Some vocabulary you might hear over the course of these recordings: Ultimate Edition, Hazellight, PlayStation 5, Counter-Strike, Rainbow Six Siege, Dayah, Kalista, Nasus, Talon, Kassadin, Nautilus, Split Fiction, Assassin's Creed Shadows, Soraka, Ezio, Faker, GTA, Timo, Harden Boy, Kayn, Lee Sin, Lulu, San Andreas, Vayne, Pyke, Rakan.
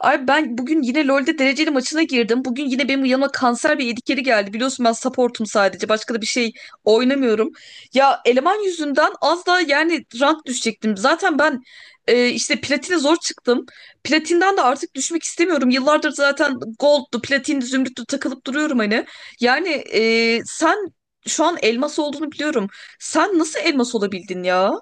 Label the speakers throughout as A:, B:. A: Ay ben bugün yine LoL'de dereceli maçına girdim. Bugün yine benim yanıma kanser bir edikeri geldi. Biliyorsun ben supportum sadece. Başka da bir şey oynamıyorum. Ya eleman yüzünden az daha yani rank düşecektim. Zaten ben işte platine zor çıktım. Platinden de artık düşmek istemiyorum. Yıllardır zaten gold'du, platin, zümrüttü takılıp duruyorum hani. Yani sen şu an elmas olduğunu biliyorum. Sen nasıl elmas olabildin ya?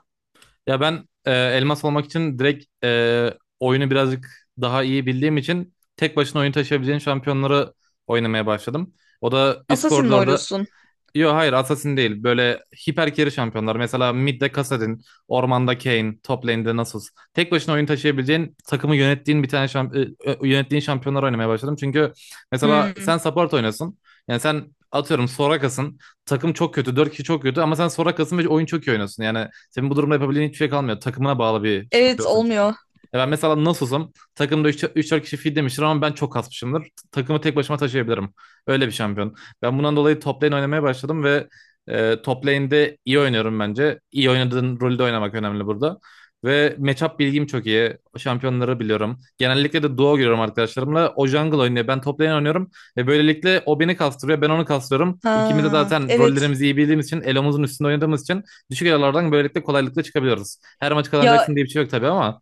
B: Ya ben elmas almak için direkt oyunu birazcık daha iyi bildiğim için tek başına oyun taşıyabileceğin şampiyonları oynamaya başladım. O da üst
A: Assassin mi
B: koridorda...
A: oynuyorsun?
B: Yok, hayır, Assassin değil. Böyle hiper carry şampiyonlar. Mesela mid'de Kassadin, ormanda Kayn, top lane'de Nasus. Tek başına oyun taşıyabileceğin, takımı yönettiğin bir tane yönettiğin şampiyonlar oynamaya başladım. Çünkü mesela
A: Hmm.
B: sen support oynasın. Yani sen atıyorum Soraka'sın. Takım çok kötü, 4 kişi çok kötü ama sen Soraka'sın ve oyun çok iyi oynuyorsun. Yani senin bu durumda yapabildiğin hiçbir şey kalmıyor. Takımına bağlı bir
A: Evet,
B: şampiyonsun çünkü.
A: olmuyor.
B: Ya ben mesela Nasus'um. Takımda üç 4 kişi feed demiştir ama ben çok kasmışımdır. Takımı tek başıma taşıyabilirim. Öyle bir şampiyon. Ben bundan dolayı top lane oynamaya başladım ve top lane'de iyi oynuyorum bence. İyi oynadığın rolde oynamak önemli burada. Ve matchup bilgim çok iyi. Şampiyonları biliyorum. Genellikle de duo görüyorum arkadaşlarımla. O jungle oynuyor. Ben top lane oynuyorum. Ve böylelikle o beni kastırıyor. Ben onu kastırıyorum. İkimiz de
A: Ha,
B: zaten
A: evet.
B: rollerimizi iyi bildiğimiz için, elomuzun üstünde oynadığımız için düşük elolardan böylelikle kolaylıkla çıkabiliyoruz. Her maç
A: Ya
B: kazanacaksın diye bir şey yok tabii ama...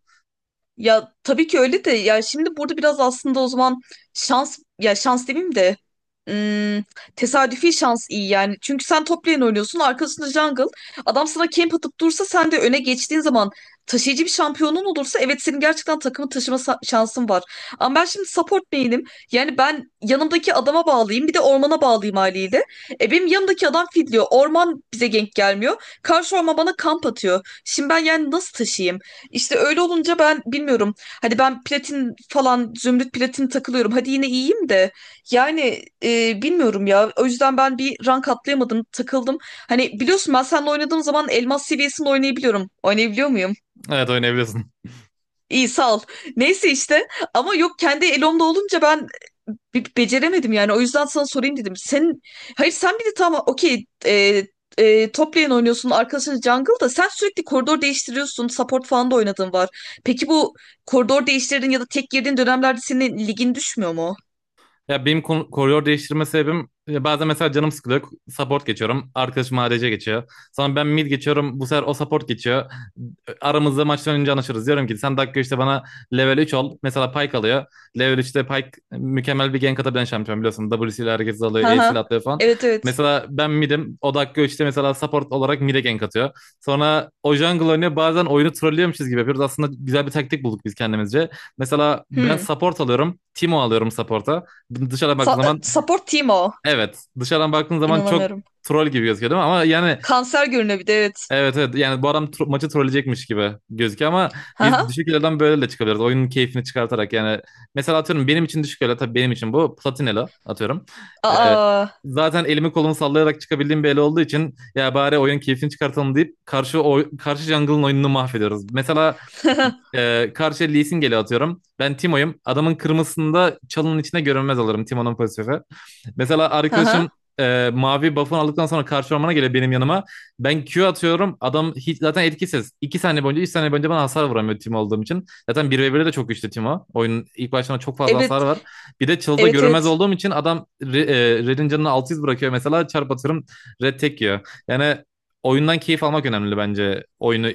A: Ya tabii ki öyle de ya, şimdi burada biraz aslında o zaman şans, ya şans demeyeyim de ım, tesadüfi şans iyi yani. Çünkü sen top lane oynuyorsun, arkasında jungle adam sana camp atıp dursa, sen de öne geçtiğin zaman taşıyıcı bir şampiyonun olursa, evet, senin gerçekten takımı şansın var. Ama ben şimdi support lane'im, yani ben yanımdaki adama bağlayayım, bir de ormana bağlayayım haliyle. E benim yanımdaki adam fidliyor, orman bize gank gelmiyor, karşı orman bana kamp atıyor. Şimdi ben yani nasıl taşıyayım? İşte öyle olunca ben bilmiyorum. Hani ben platin falan, zümrüt platin takılıyorum. Hadi yine iyiyim de. Yani bilmiyorum ya. O yüzden ben bir rank atlayamadım. Takıldım. Hani biliyorsun, ben seninle oynadığım zaman elmas seviyesinde oynayabiliyorum. Oynayabiliyor muyum?
B: Evet, oynayabiliyorsun.
A: İyi, sağ ol. Neyse işte. Ama yok, kendi elomda olunca ben beceremedim yani. O yüzden sana sorayım dedim. Sen hayır, sen bir de tamam, okey, top lane oynuyorsun, arkadaşın jungle, da sen sürekli koridor değiştiriyorsun. Support falan da oynadığın var. Peki bu koridor değiştirdiğin ya da tek girdiğin dönemlerde senin ligin düşmüyor mu?
B: Ya benim koridor değiştirme sebebim bazen mesela canım sıkılıyor. Support geçiyorum. Arkadaşım ADC geçiyor. Sonra ben mid geçiyorum. Bu sefer o support geçiyor. Aramızda maçtan önce anlaşırız. Diyorum ki sen dakika işte bana level 3 ol. Mesela Pyke alıyor. Level üçte Pyke mükemmel bir gank atabilen şampiyon biliyorsun. W'siyle herkes
A: Hı
B: alıyor. E'siyle
A: hı.
B: atlıyor falan.
A: Evet, evet.
B: Mesela ben mid'im. O dakika 3'te mesela support olarak mid'e gank atıyor. Sonra o jungle oynuyor. Bazen oyunu trollüyormuşuz gibi yapıyoruz. Aslında güzel bir taktik bulduk biz kendimizce. Mesela ben
A: Hmm.
B: support alıyorum. Timo alıyorum support'a. Dışarıdan baktığın zaman,
A: Support team o.
B: evet. Dışarıdan baktığın zaman çok
A: İnanamıyorum.
B: troll gibi gözüküyor değil mi? Ama yani...
A: Kanser görünüyor bir de, evet.
B: Evet, evet, yani bu adam maçı trolleyecekmiş gibi gözüküyor ama
A: Hı
B: biz
A: hı.
B: düşük elo'dan böyle de çıkabiliriz. Oyunun keyfini çıkartarak yani mesela atıyorum benim için düşük elo tabii benim için bu Platinelo atıyorum. Ee,
A: Aa.
B: zaten elimi kolumu sallayarak çıkabildiğim bir elo olduğu için ya bari oyun keyfini çıkartalım deyip karşı karşı jungle'ın oyununu mahvediyoruz. Mesela karşı Lee Sin geliyor atıyorum ben Timo'yum adamın kırmızısında çalının içine görünmez alırım Timo'nun pasifi. Mesela
A: Hı
B: arkadaşım
A: hı.
B: mavi buff'ını aldıktan sonra karşı ormana geliyor benim yanıma. Ben Q atıyorum. Adam hiç zaten etkisiz. 2 saniye boyunca 3 saniye boyunca bana hasar vuramıyor Timo olduğum için. Zaten bir ve 1'de de çok güçlü Timo. Oyunun ilk başlarına çok fazla hasar
A: Evet.
B: var. Bir de çılda
A: Evet,
B: görünmez
A: evet.
B: olduğum için adam Red'in canını 600 bırakıyor mesela. Çarp atıyorum, Red tek yiyor. Yani oyundan keyif almak önemli bence. Oyunu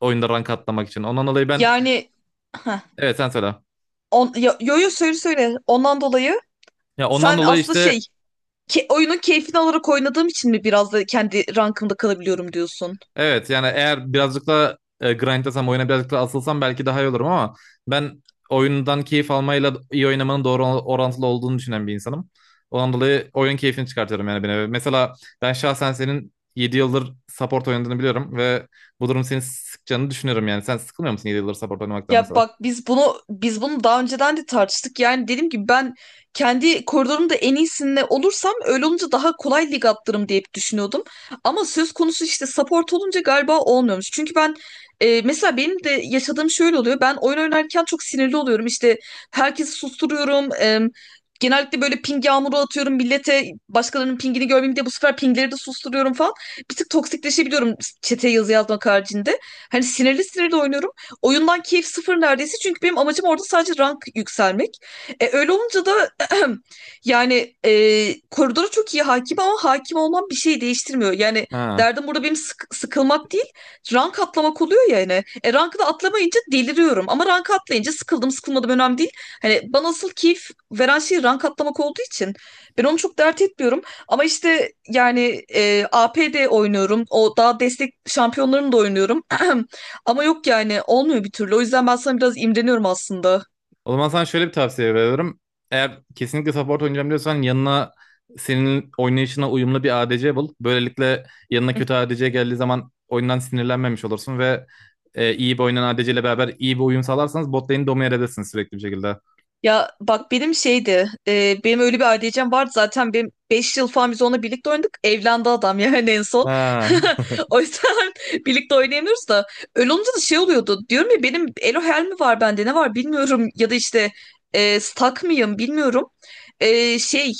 B: oyunda rank atlamak için. Ondan dolayı ben...
A: Yani. Heh.
B: Evet, sen söyle.
A: On, yo, yo yo, söyle söyle. Ondan dolayı
B: Ya, ondan
A: sen
B: dolayı
A: aslı
B: işte...
A: oyunun keyfini alarak oynadığım için mi biraz da kendi rankımda kalabiliyorum diyorsun?
B: Evet, yani eğer birazcık da grindlasam oyuna birazcık da asılsam belki daha iyi olurum ama ben oyundan keyif almayla iyi oynamanın doğru orantılı olduğunu düşünen bir insanım. Ondan dolayı oyun keyfini çıkartıyorum yani beni. Mesela ben şahsen senin 7 yıldır support oynadığını biliyorum ve bu durum seni sıkacağını düşünüyorum yani. Sen sıkılmıyor musun 7 yıldır support oynamaktan
A: Ya
B: mesela?
A: bak, biz bunu daha önceden de tartıştık. Yani dedim ki ben kendi koridorumda en iyisinde olursam, öyle olunca daha kolay lig atlarım diye hep düşünüyordum. Ama söz konusu işte support olunca galiba olmuyormuş. Çünkü ben mesela benim de yaşadığım şöyle oluyor. Ben oyun oynarken çok sinirli oluyorum. İşte herkesi susturuyorum. Genellikle böyle ping yağmuru atıyorum millete. Başkalarının pingini görmeyeyim diye bu sefer pingleri de susturuyorum falan. Bir tık toksikleşebiliyorum çeteye yazı yazmak haricinde. Hani sinirli sinirli oynuyorum. Oyundan keyif sıfır neredeyse, çünkü benim amacım orada sadece rank yükselmek. Öyle olunca da yani koridora çok iyi hakim, ama hakim olmam bir şey değiştirmiyor. Yani
B: Ha.
A: derdim burada benim sıkılmak değil, rank atlamak oluyor yani. E, rankı da atlamayınca deliriyorum, ama rank atlayınca sıkıldım sıkılmadım önemli değil. Hani bana asıl keyif veren şey rank atlamak olduğu için ben onu çok dert etmiyorum. Ama işte yani A P de oynuyorum. O daha destek şampiyonlarını da oynuyorum. Ama yok yani, olmuyor bir türlü. O yüzden ben sana biraz imreniyorum aslında.
B: O zaman sana şöyle bir tavsiye veriyorum. Eğer kesinlikle support oynayacağım diyorsan yanına senin oynayışına uyumlu bir ADC bul. Böylelikle yanına kötü ADC geldiği zaman oyundan sinirlenmemiş olursun ve iyi bir oynayan ADC ile beraber iyi bir uyum sağlarsanız bot lane'i domine edersiniz sürekli bir şekilde.
A: Ya bak, benim benim öyle bir ADC'm vardı zaten, benim 5 yıl falan biz onunla birlikte oynadık. Evlendi adam yani en son.
B: Ha.
A: O yüzden birlikte oynayamıyoruz da. Öyle olunca da şey oluyordu. Diyorum ya, benim Elo Hell mi var, bende ne var bilmiyorum. Ya da işte stuck mıyım bilmiyorum. E, şey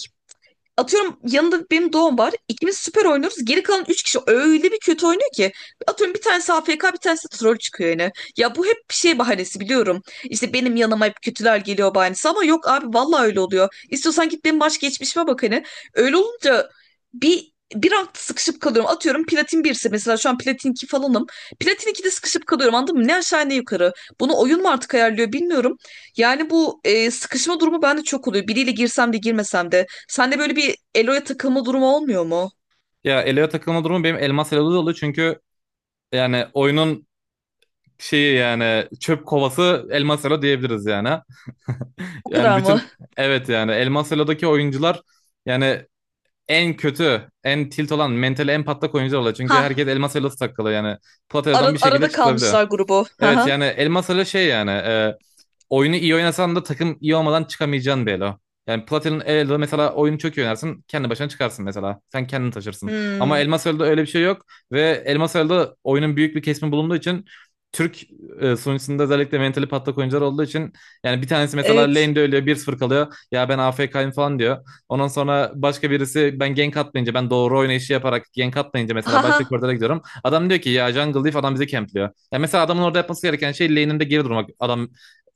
A: Atıyorum, yanında benim doğum var. İkimiz süper oynuyoruz. Geri kalan üç kişi öyle bir kötü oynuyor ki. Atıyorum bir tanesi AFK, bir tanesi de troll çıkıyor yani. Ya bu hep bir şey bahanesi, biliyorum. İşte benim yanıma hep kötüler geliyor bahanesi. Ama yok abi, vallahi öyle oluyor. İstiyorsan git benim baş geçmişime bak hani. Öyle olunca bir rankta sıkışıp kalıyorum. Atıyorum platin 1 ise mesela, şu an platin 2 falanım. Platin 2'de sıkışıp kalıyorum, anladın mı? Ne aşağı ne yukarı. Bunu oyun mu artık ayarlıyor bilmiyorum. Yani bu sıkışma durumu bende çok oluyor. Biriyle girsem de girmesem de. Sende böyle bir Elo'ya takılma durumu olmuyor mu?
B: Ya, Elo'ya takılma durumu benim Elmas Elo'da da oluyor çünkü yani oyunun şeyi yani çöp kovası Elmas Elo diyebiliriz yani.
A: O
B: Yani
A: kadar mı?
B: bütün... Evet, yani Elmas Elo'daki oyuncular yani en kötü, en tilt olan, mentali en patlak oyuncular oluyor. Çünkü
A: Ha,
B: herkes elmas elması takılı yani. Platel'dan bir şekilde
A: arada
B: çıkılabiliyor.
A: kalmışlar grubu. Ha
B: Evet
A: ha.
B: yani Elmas Ali şey yani oyunu iyi oynasan da takım iyi olmadan çıkamayacağın bir elo. Yani Platin'in Elo'da mesela oyunu çok iyi oynarsın kendi başına çıkarsın mesela. Sen kendini taşırsın. Ama
A: Hmm,
B: Elmas Elo'da öyle bir şey yok ve Elmas Elo'da oyunun büyük bir kesimi bulunduğu için Türk sunucusunda özellikle mentali patlak oyuncular olduğu için yani bir tanesi mesela
A: evet.
B: lane'de ölüyor 1-0 kalıyor. Ya ben AFK'yim falan diyor. Ondan sonra başka birisi ben gank atmayınca, ben doğru oynayışı yaparak gank atmayınca
A: Ha
B: mesela
A: ha.
B: başka koridora gidiyorum. Adam diyor ki ya jungle diff, adam bizi campliyor. Yani mesela adamın orada yapması gereken şey lane'inde geri durmak. Adam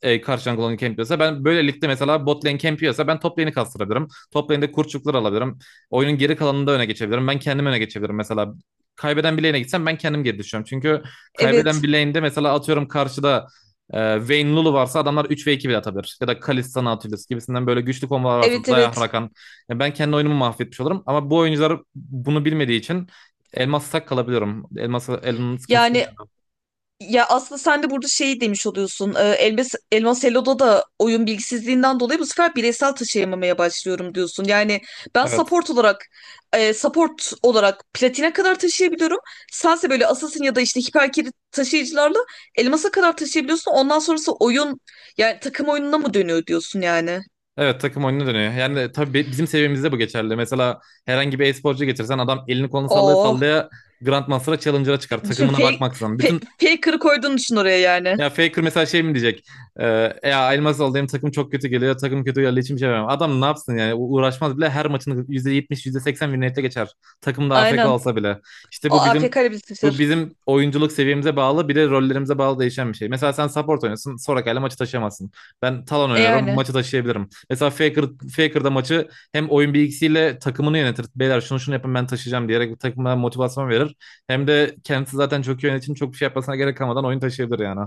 B: karşı jungle onu campliyorsa ben böyle ligde mesela bot lane campliyorsa ben top lane'i kastırabilirim. Top lane'de kurçuklar alabilirim. Oyunun geri kalanında öne geçebilirim. Ben kendim öne geçebilirim mesela. Kaybeden bir lane'e gitsem ben kendim geri düşüyorum. Çünkü kaybeden
A: Evet.
B: bir lane'de mesela atıyorum karşıda Vayne Lulu varsa adamlar 3 ve 2 bile atabilir. Ya da Kalista Nautilus gibisinden böyle güçlü kombolar varsa
A: Evet,
B: Dayah
A: evet.
B: Rakan. Yani ben kendi oyunumu mahvetmiş olurum. Ama bu oyuncular bunu bilmediği için Elmas tak kalabiliyorum. Elmas'a Elon'un sıkıntısı.
A: Yani. Ya aslında sen de burada şey demiş oluyorsun. Elmas Elo'da da oyun bilgisizliğinden dolayı bu sefer bireysel taşıyamamaya başlıyorum diyorsun. Yani ben
B: Evet.
A: support olarak support olarak platine kadar taşıyabiliyorum. Sense böyle assassin ya da işte hiper carry taşıyıcılarla elmasa kadar taşıyabiliyorsun. Ondan sonrası oyun yani takım oyununa mı dönüyor diyorsun yani.
B: Evet, takım oyununa dönüyor. Yani tabii bizim seviyemizde bu geçerli. Mesela herhangi bir e-sporcu getirsen adam elini kolunu sallaya
A: Oo.
B: sallaya Grandmaster'a Challenger'a çıkar.
A: Düşün
B: Takımına bakmaksızın. Bütün...
A: faker'ı koyduğunu düşün oraya yani.
B: Ya, Faker mesela şey mi diyecek? Ee, ya Elmas alayım takım çok kötü geliyor. Takım kötü geldiği için bir şey yapamam. Adam ne yapsın yani? Uğraşmaz bile, her maçını %70, %80 win geçer. Takım da AFK
A: Aynen.
B: olsa bile. İşte bu bizim
A: AFK ile bir
B: bu
A: taşır.
B: bizim oyunculuk seviyemize bağlı bir de rollerimize bağlı değişen bir şey. Mesela sen support oynuyorsun. Soraka'yla maçı taşıyamazsın. Ben Talon
A: E
B: oynuyorum.
A: yani.
B: Maçı taşıyabilirim. Mesela Faker, Faker da maçı hem oyun bilgisiyle takımını yönetir. Beyler şunu şunu yapın, ben taşıyacağım diyerek takımına motivasyon verir. Hem de kendisi zaten çok iyi oynadığı için çok bir şey yapmasına gerek kalmadan oyun taşıyabilir yani.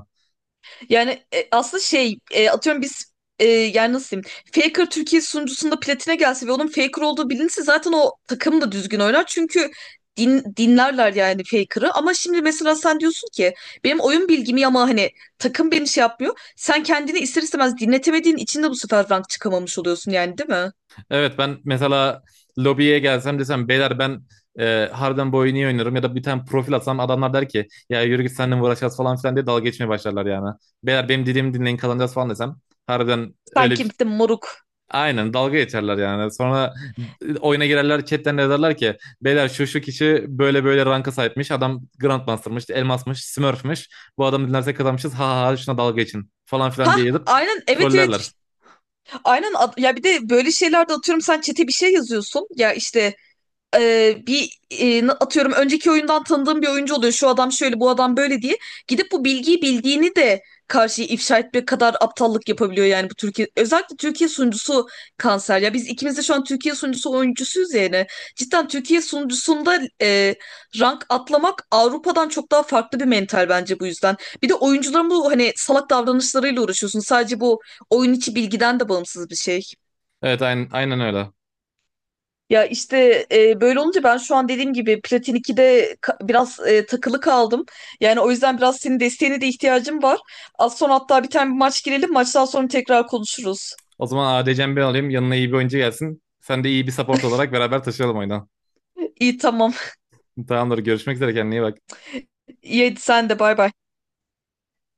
A: Yani aslında atıyorum yani nasıl diyeyim, Faker Türkiye sunucusunda platine gelse ve onun Faker olduğu bilinse zaten o takım da düzgün oynar. Çünkü dinlerler yani Faker'ı, ama şimdi mesela sen diyorsun ki benim oyun bilgimi ama hani takım beni şey yapmıyor. Sen kendini ister istemez dinletemediğin için de bu sefer rank çıkamamış oluyorsun yani, değil mi?
B: Evet ben mesela lobiye gelsem desem beyler ben Harden Boy'u niye oynuyorum ya da bir tane profil atsam, adamlar der ki ya yürü git seninle mi uğraşacağız falan filan diye dalga geçmeye başlarlar yani. Beyler benim dediğimi dinleyin kazanacağız falan desem, harbiden
A: Sen
B: öyle bir...
A: kimsin moruk?
B: Aynen, dalga geçerler yani. Sonra oyuna girerler chatten yazarlar ki beyler şu şu kişi böyle böyle ranka sahipmiş. Adam Grandmaster'mış, Elmas'mış, Smurf'mış. Bu adamı dinlersek kazanmışız. Ha ha ha şuna dalga geçin falan
A: Ha,
B: filan diye yazıp
A: aynen, evet evet,
B: trollerler.
A: aynen. Ya bir de böyle şeylerde atıyorum sen çete bir şey yazıyorsun ya, işte atıyorum önceki oyundan tanıdığım bir oyuncu oluyor. Şu adam şöyle, bu adam böyle diye. Gidip bu bilgiyi bildiğini de karşıya ifşa etmek kadar aptallık yapabiliyor yani bu Türkiye. Özellikle Türkiye sunucusu kanser. Ya biz ikimiz de şu an Türkiye sunucusu oyuncusuyuz yani. Cidden Türkiye sunucusunda rank atlamak Avrupa'dan çok daha farklı bir mental bence bu yüzden. Bir de oyuncuların bu hani salak davranışlarıyla uğraşıyorsun. Sadece bu oyun içi bilgiden de bağımsız bir şey.
B: Evet, aynen, aynen öyle.
A: Ya işte böyle olunca ben şu an dediğim gibi Platin 2'de biraz takılı kaldım. Yani o yüzden biraz senin desteğine de ihtiyacım var. Az sonra hatta bir tane bir maç girelim. Maçtan sonra tekrar konuşuruz.
B: O zaman ADC'mi ben alayım. Yanına iyi bir oyuncu gelsin. Sen de iyi bir support olarak beraber taşıyalım oyunu.
A: İyi, tamam.
B: Tamamdır. Görüşmek üzere. Kendine iyi bak.
A: İyi, hadi sen de, bay bay.